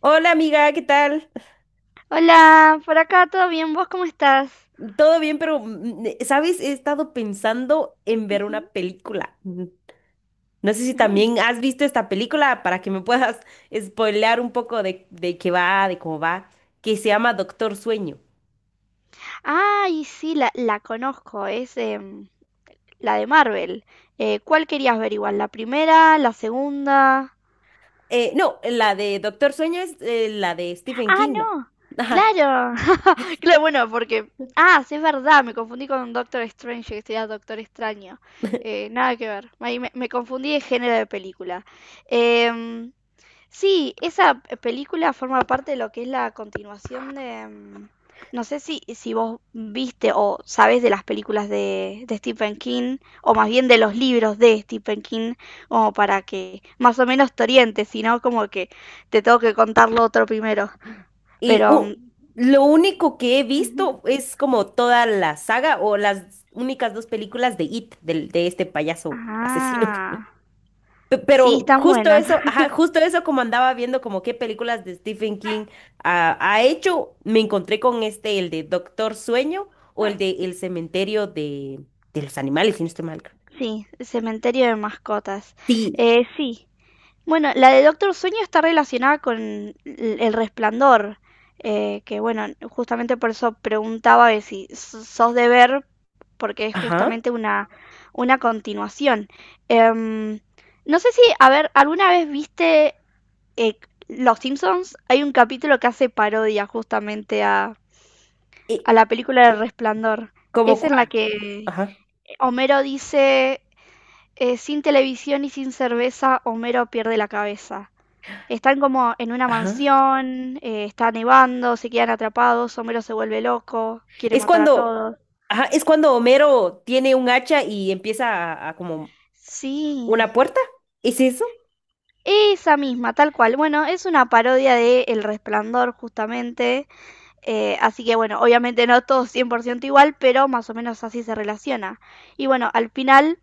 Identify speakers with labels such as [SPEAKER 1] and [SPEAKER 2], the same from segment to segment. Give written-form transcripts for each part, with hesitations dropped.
[SPEAKER 1] Hola amiga, ¿qué tal?
[SPEAKER 2] Hola, por acá todo bien, ¿vos cómo estás?
[SPEAKER 1] Todo bien, pero ¿sabes? He estado pensando en ver
[SPEAKER 2] Ujú,
[SPEAKER 1] una película. No sé si
[SPEAKER 2] mm.
[SPEAKER 1] también has visto esta película para que me puedas spoilear un poco de qué va, de cómo va, que se llama Doctor Sueño.
[SPEAKER 2] Ay, sí, la conozco, es la de Marvel. ¿Cuál querías ver igual? ¿La primera? ¿La segunda?
[SPEAKER 1] No, la de Doctor Sueño es la de Stephen
[SPEAKER 2] Ah,
[SPEAKER 1] King, ¿no?
[SPEAKER 2] no.
[SPEAKER 1] Ajá.
[SPEAKER 2] Claro, claro, bueno, porque. Ah, sí, es verdad, me confundí con Doctor Strange, que sería Doctor Extraño. Nada que ver, ahí me confundí de género de película. Em, Sí, esa película forma parte de lo que es la continuación de. No sé si, si vos viste o sabés de las películas de Stephen King, o más bien de los libros de Stephen King, como para que más o menos te orientes, sino como que te tengo que contar lo otro primero.
[SPEAKER 1] Y
[SPEAKER 2] Pero.
[SPEAKER 1] uh, lo único que he
[SPEAKER 2] Ujú.
[SPEAKER 1] visto es como toda la saga o las únicas dos películas de It, del de este payaso asesino.
[SPEAKER 2] Ah, sí,
[SPEAKER 1] Pero
[SPEAKER 2] están
[SPEAKER 1] justo
[SPEAKER 2] buenas.
[SPEAKER 1] eso, ajá, justo eso como andaba viendo como qué películas de Stephen King ha hecho, me encontré con este, el de Doctor Sueño o el de El Cementerio de los Animales, si no estoy mal.
[SPEAKER 2] Sí, Cementerio de Mascotas.
[SPEAKER 1] Sí,
[SPEAKER 2] Sí, bueno, la de Doctor Sueño está relacionada con El Resplandor, que bueno, justamente por eso preguntaba de si sos de ver, porque es
[SPEAKER 1] ajá.
[SPEAKER 2] justamente una continuación. Em, no sé si, a ver, ¿alguna vez viste eh, Los Simpsons? Hay un capítulo que hace parodia justamente a,
[SPEAKER 1] Eh,
[SPEAKER 2] a la película El Resplandor.
[SPEAKER 1] ¿Cómo
[SPEAKER 2] Es en la
[SPEAKER 1] cuál?
[SPEAKER 2] que
[SPEAKER 1] Ajá,
[SPEAKER 2] Homero dice, sin televisión y sin cerveza, Homero pierde la cabeza. Están como en una
[SPEAKER 1] ajá.
[SPEAKER 2] mansión, está nevando, se quedan atrapados, Homero se vuelve loco, quiere
[SPEAKER 1] Es
[SPEAKER 2] matar a
[SPEAKER 1] cuando,
[SPEAKER 2] todos.
[SPEAKER 1] ajá, es cuando Homero tiene un hacha y empieza a como
[SPEAKER 2] Sí,
[SPEAKER 1] una puerta. ¿Es eso?
[SPEAKER 2] esa misma, tal cual. Bueno, es una parodia de El Resplandor justamente, así que bueno, obviamente no todo 100% igual, pero más o menos así se relaciona. Y bueno, al final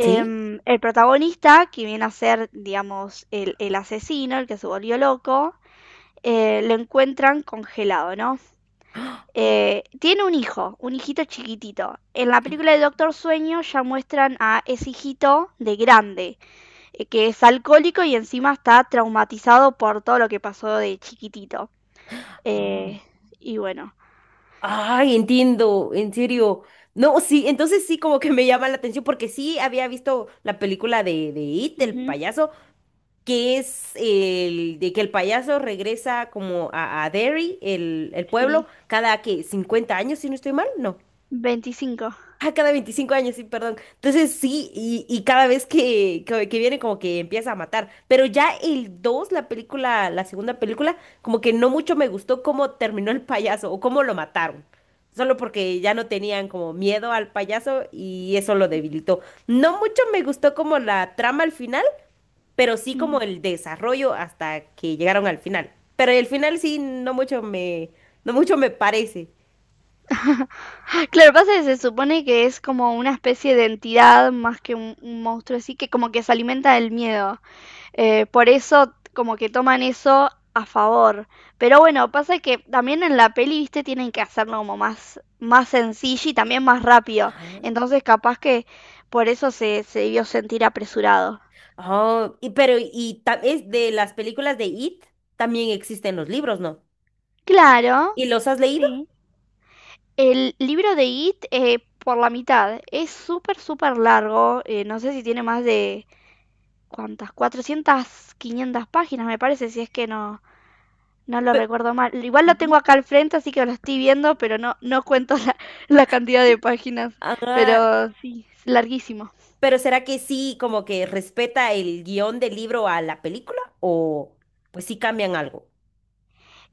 [SPEAKER 1] Sí.
[SPEAKER 2] el protagonista, que viene a ser, digamos, el asesino, el que se volvió loco, lo encuentran congelado, ¿no?
[SPEAKER 1] ¡Ah!
[SPEAKER 2] Tiene un hijo, un hijito chiquitito. En la película de Doctor Sueño ya muestran a ese hijito de grande, que es alcohólico y encima está traumatizado por todo lo que pasó de chiquitito. Eh,
[SPEAKER 1] Sí.
[SPEAKER 2] y bueno,
[SPEAKER 1] Ay, entiendo, en serio. No, sí, entonces sí como que me llama la atención porque sí había visto la película de It, el
[SPEAKER 2] ujú,
[SPEAKER 1] payaso, que es el de que el payaso regresa como a Derry, el pueblo,
[SPEAKER 2] sí,
[SPEAKER 1] cada que 50 años, si no estoy mal. No,
[SPEAKER 2] 25.
[SPEAKER 1] ah, cada 25 años, sí, perdón. Entonces sí, y cada vez que viene como que empieza a matar. Pero ya el 2 la película, la segunda película, como que no mucho me gustó cómo terminó el payaso o cómo lo mataron. Solo porque ya no tenían como miedo al payaso y eso lo debilitó. No mucho me gustó como la trama al final, pero sí
[SPEAKER 2] Mm.
[SPEAKER 1] como el desarrollo hasta que llegaron al final. Pero el final sí, no mucho me parece.
[SPEAKER 2] Claro, pasa que se supone que es como una especie de entidad más que un monstruo así, que como que se alimenta del miedo. Por eso como que toman eso a favor. Pero bueno, pasa que también en la peli, viste, tienen que hacerlo como más, más sencillo y también más rápido.
[SPEAKER 1] Ajá.
[SPEAKER 2] Entonces capaz que por eso se, se debió sentir apresurado.
[SPEAKER 1] Es de las películas de It también existen los libros, ¿no? ¿Y
[SPEAKER 2] Claro,
[SPEAKER 1] ¿Y los has leído?
[SPEAKER 2] sí. El libro de It por la mitad es súper, súper largo. No sé si tiene más de. ¿Cuántas? Cuatrocientas 500 páginas me parece, si es que no. No lo
[SPEAKER 1] Pe-
[SPEAKER 2] recuerdo mal. Igual lo tengo
[SPEAKER 1] Ujú.
[SPEAKER 2] acá al frente, así que lo estoy viendo, pero no, no cuento la, la cantidad de páginas.
[SPEAKER 1] Ah,
[SPEAKER 2] Pero sí, es larguísimo.
[SPEAKER 1] pero ¿será que sí como que respeta el guión del libro a la película o pues sí cambian algo?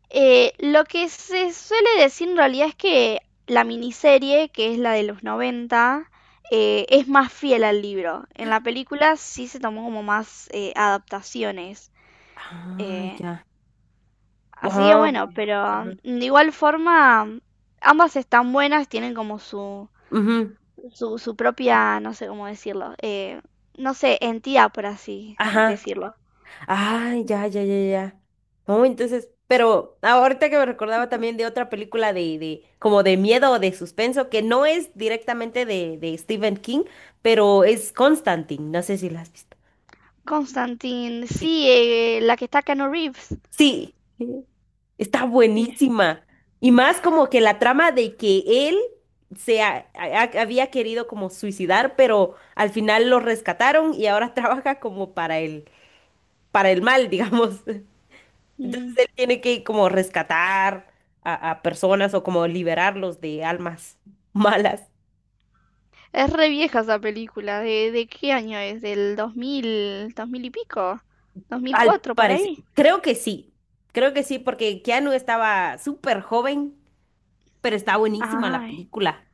[SPEAKER 2] Lo que se suele decir en realidad es que la miniserie, que es la de los 90 es más fiel al libro. En la película sí se tomó como más adaptaciones.
[SPEAKER 1] Ah,
[SPEAKER 2] Eh,
[SPEAKER 1] ya.
[SPEAKER 2] así que
[SPEAKER 1] Wow.
[SPEAKER 2] bueno, pero
[SPEAKER 1] Ajá.
[SPEAKER 2] de igual forma ambas están buenas, tienen como su,
[SPEAKER 1] Ujú.
[SPEAKER 2] su propia, no sé cómo decirlo, no sé, entidad, por así
[SPEAKER 1] Ajá.
[SPEAKER 2] decirlo.
[SPEAKER 1] Ay, ya, ya, ya, ya. No, entonces, pero ahorita que me recordaba también de otra película como de miedo o de suspenso, que no es directamente de Stephen King, pero es Constantine. No sé si la has visto.
[SPEAKER 2] Constantine,
[SPEAKER 1] Sí,
[SPEAKER 2] sí, la que está Cano Reeves.
[SPEAKER 1] sí, está
[SPEAKER 2] Sí.
[SPEAKER 1] buenísima. Y más como que la trama de que él había querido como suicidar, pero al final lo rescataron y ahora trabaja como para para el mal, digamos. Entonces
[SPEAKER 2] Mm.
[SPEAKER 1] él tiene que como rescatar a personas o como liberarlos de almas malas.
[SPEAKER 2] Es re vieja esa película. De qué año es? ¿Del 2000, 2000 y pico?
[SPEAKER 1] Al
[SPEAKER 2] ¿2004 por
[SPEAKER 1] parecer,
[SPEAKER 2] ahí?
[SPEAKER 1] creo que sí, porque Keanu estaba súper joven, pero está buenísima la
[SPEAKER 2] Ay,
[SPEAKER 1] película.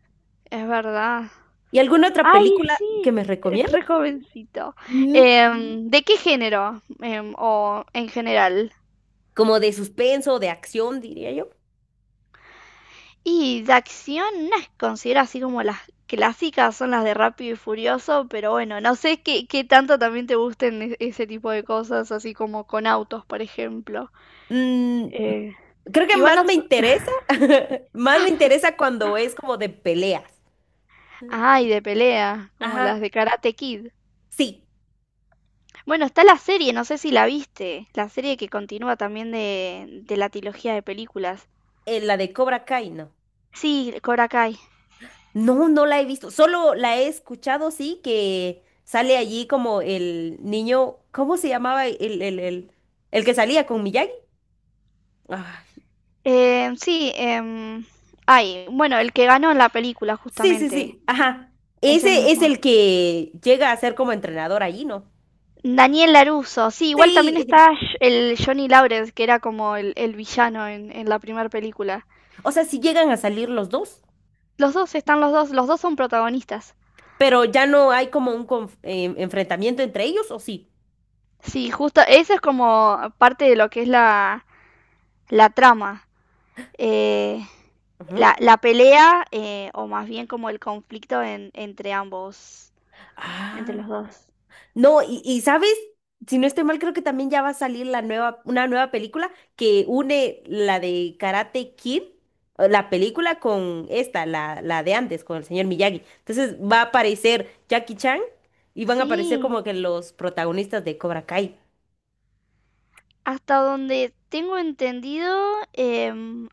[SPEAKER 2] es verdad.
[SPEAKER 1] ¿Y alguna otra
[SPEAKER 2] Ay,
[SPEAKER 1] película que
[SPEAKER 2] sí,
[SPEAKER 1] me
[SPEAKER 2] es
[SPEAKER 1] recomienda?
[SPEAKER 2] re jovencito.
[SPEAKER 1] Mm,
[SPEAKER 2] ¿De qué género? O en general.
[SPEAKER 1] como de suspenso, de acción, diría yo.
[SPEAKER 2] Y de acción, no es considero así como las clásicas son las de Rápido y Furioso, pero bueno, no sé qué, qué tanto también te gusten ese tipo de cosas, así como con autos, por ejemplo.
[SPEAKER 1] Mm,
[SPEAKER 2] Eh,
[SPEAKER 1] Creo que
[SPEAKER 2] igual no.
[SPEAKER 1] más me interesa cuando es como de peleas.
[SPEAKER 2] Ay, de pelea, como las
[SPEAKER 1] Ajá,
[SPEAKER 2] de Karate Kid.
[SPEAKER 1] sí,
[SPEAKER 2] Bueno, está la serie, no sé si la viste, la serie que continúa también de la trilogía de películas.
[SPEAKER 1] la de Cobra Kai, ¿no?
[SPEAKER 2] Sí, Cobra Kai.
[SPEAKER 1] No, no la he visto. Solo la he escuchado, sí, que sale allí como el niño, ¿cómo se llamaba? El que salía con Miyagi. Ah,
[SPEAKER 2] Sí, ay, bueno, el que ganó en la película justamente,
[SPEAKER 1] sí. Ajá.
[SPEAKER 2] ese
[SPEAKER 1] Ese es
[SPEAKER 2] mismo.
[SPEAKER 1] el que llega a ser como entrenador allí, ¿no?
[SPEAKER 2] Daniel Larusso, sí, igual también
[SPEAKER 1] Sí.
[SPEAKER 2] está El Johnny Lawrence, que era como el villano en la primera película.
[SPEAKER 1] O sea, sí llegan a salir los dos,
[SPEAKER 2] Los dos están los dos son protagonistas.
[SPEAKER 1] pero ya no hay como un enfrentamiento entre ellos, ¿o sí?
[SPEAKER 2] Sí, justo, eso es como parte de lo que es la trama. Eh,
[SPEAKER 1] Ujú.
[SPEAKER 2] la pelea, o más bien como el conflicto entre ambos, entre
[SPEAKER 1] Ah.
[SPEAKER 2] los dos.
[SPEAKER 1] No, y sabes, si no estoy mal, creo que también ya va a salir una nueva película que une la de Karate Kid, la película con esta, la de antes, con el señor Miyagi. Entonces va a aparecer Jackie Chan y van a aparecer
[SPEAKER 2] Sí,
[SPEAKER 1] como que los protagonistas de Cobra Kai.
[SPEAKER 2] hasta donde tengo entendido, em,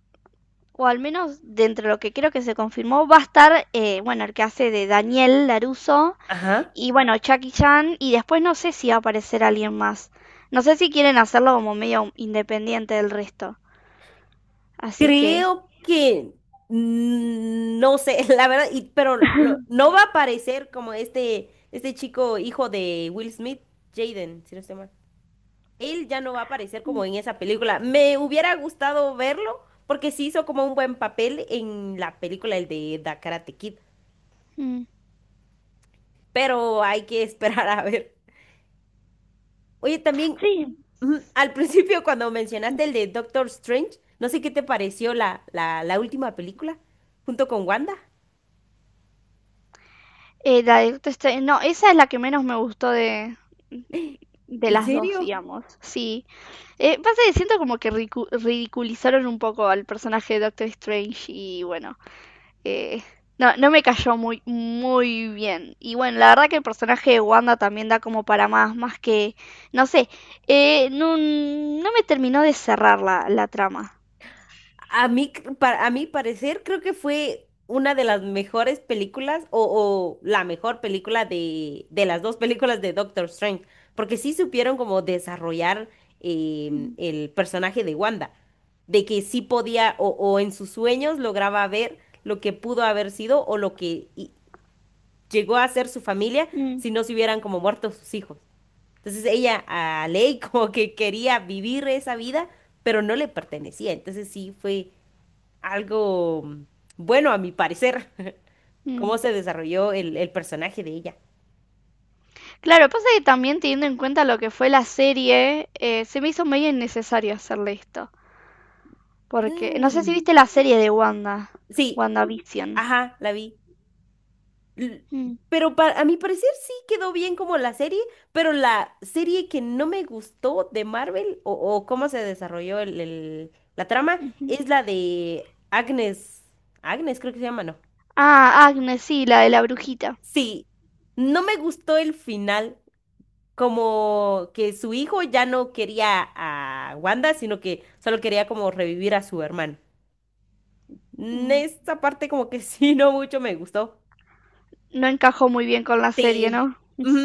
[SPEAKER 2] o al menos dentro de lo que creo que se confirmó, va a estar, bueno, el que hace de Daniel Larusso
[SPEAKER 1] Ajá.
[SPEAKER 2] y bueno, Jackie Chan, y después no sé si va a aparecer alguien más. No sé si quieren hacerlo como medio independiente del resto. Así que.
[SPEAKER 1] Creo que mm, no sé, la verdad, y, pero no va a aparecer como este chico hijo de Will Smith, Jaden, si no estoy mal. Él ya no va a aparecer como en esa película. Me hubiera gustado verlo porque sí hizo como un buen papel en la película, el de The Karate Kid, pero hay que esperar a ver. Oye, también
[SPEAKER 2] Sí.
[SPEAKER 1] ujú, al principio cuando mencionaste el de Doctor Strange, no sé qué te pareció la última película junto con Wanda.
[SPEAKER 2] La de Doctor Strange- no, esa es la que menos me gustó de
[SPEAKER 1] ¿En
[SPEAKER 2] las dos,
[SPEAKER 1] serio?
[SPEAKER 2] digamos. Sí. Pasa que siento como que ridiculizaron un poco al personaje de Doctor Strange y bueno, eh, no, no me cayó muy, muy bien. Y bueno, la verdad que el personaje de Wanda también da como para más, más que, no sé, no, no me terminó de cerrar la trama.
[SPEAKER 1] A mí, a mi parecer, creo que fue una de las mejores películas o la mejor película de las dos películas de Doctor Strange, porque sí supieron como desarrollar em,
[SPEAKER 2] Mm,
[SPEAKER 1] el personaje de Wanda, de que sí podía o en sus sueños lograba ver lo que pudo haber sido o lo que llegó a ser su familia si no se hubieran como muerto sus hijos. Entonces ella a Ley como que quería vivir esa vida, pero no le pertenecía. Entonces sí fue algo mm, bueno a mi parecer,
[SPEAKER 2] mm.
[SPEAKER 1] cómo se desarrolló el personaje de ella.
[SPEAKER 2] Claro, pasa que también teniendo en cuenta lo que fue la serie, se me hizo medio innecesario hacerle esto. Porque, no sé si
[SPEAKER 1] Mm,
[SPEAKER 2] viste la serie de Wanda,
[SPEAKER 1] sí,
[SPEAKER 2] WandaVision.
[SPEAKER 1] ajá, la vi. L-
[SPEAKER 2] Mm,
[SPEAKER 1] pero a mi parecer sí quedó bien como la serie, pero la serie que no me gustó de Marvel o cómo se desarrolló la trama
[SPEAKER 2] ujú.
[SPEAKER 1] es la de Agnes. Agnes creo que se llama, ¿no?
[SPEAKER 2] Ah, Agnes, sí, la de la brujita.
[SPEAKER 1] Sí, no me gustó el final. Como que su hijo ya no quería a Wanda, sino que solo quería como revivir a su hermano. Mm,
[SPEAKER 2] Mm.
[SPEAKER 1] esta parte como que sí, no mucho me gustó.
[SPEAKER 2] No encajó muy bien con la serie,
[SPEAKER 1] Sí.
[SPEAKER 2] ¿no?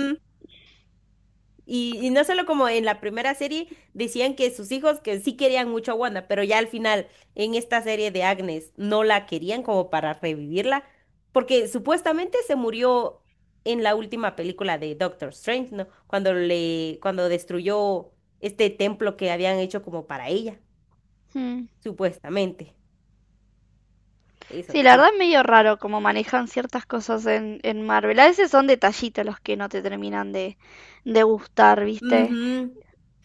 [SPEAKER 1] Y no solo como en la primera serie decían que sus hijos que sí querían mucho a Wanda, pero ya al final en esta serie de Agnes no la querían como para revivirla, porque supuestamente se murió en la última película de Doctor Strange, ¿no? Cuando le, cuando destruyó este templo que habían hecho como para ella,
[SPEAKER 2] Mm.
[SPEAKER 1] supuestamente. Eso
[SPEAKER 2] Sí, la
[SPEAKER 1] sí.
[SPEAKER 2] verdad es medio raro cómo manejan ciertas cosas en Marvel. A veces son detallitos los que no te terminan de gustar, ¿viste?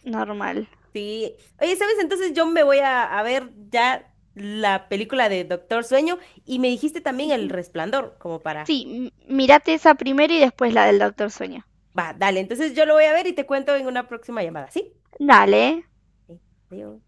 [SPEAKER 2] Normal.
[SPEAKER 1] Sí. Oye, ¿sabes? Entonces yo me voy a ver ya la película de Doctor Sueño y me dijiste también El Resplandor, como para...
[SPEAKER 2] Sí, mirate esa primero y después la del Doctor Sueño.
[SPEAKER 1] Va, dale, entonces yo lo voy a ver y te cuento en una próxima llamada, ¿sí?
[SPEAKER 2] Dale.
[SPEAKER 1] Sí. Adiós.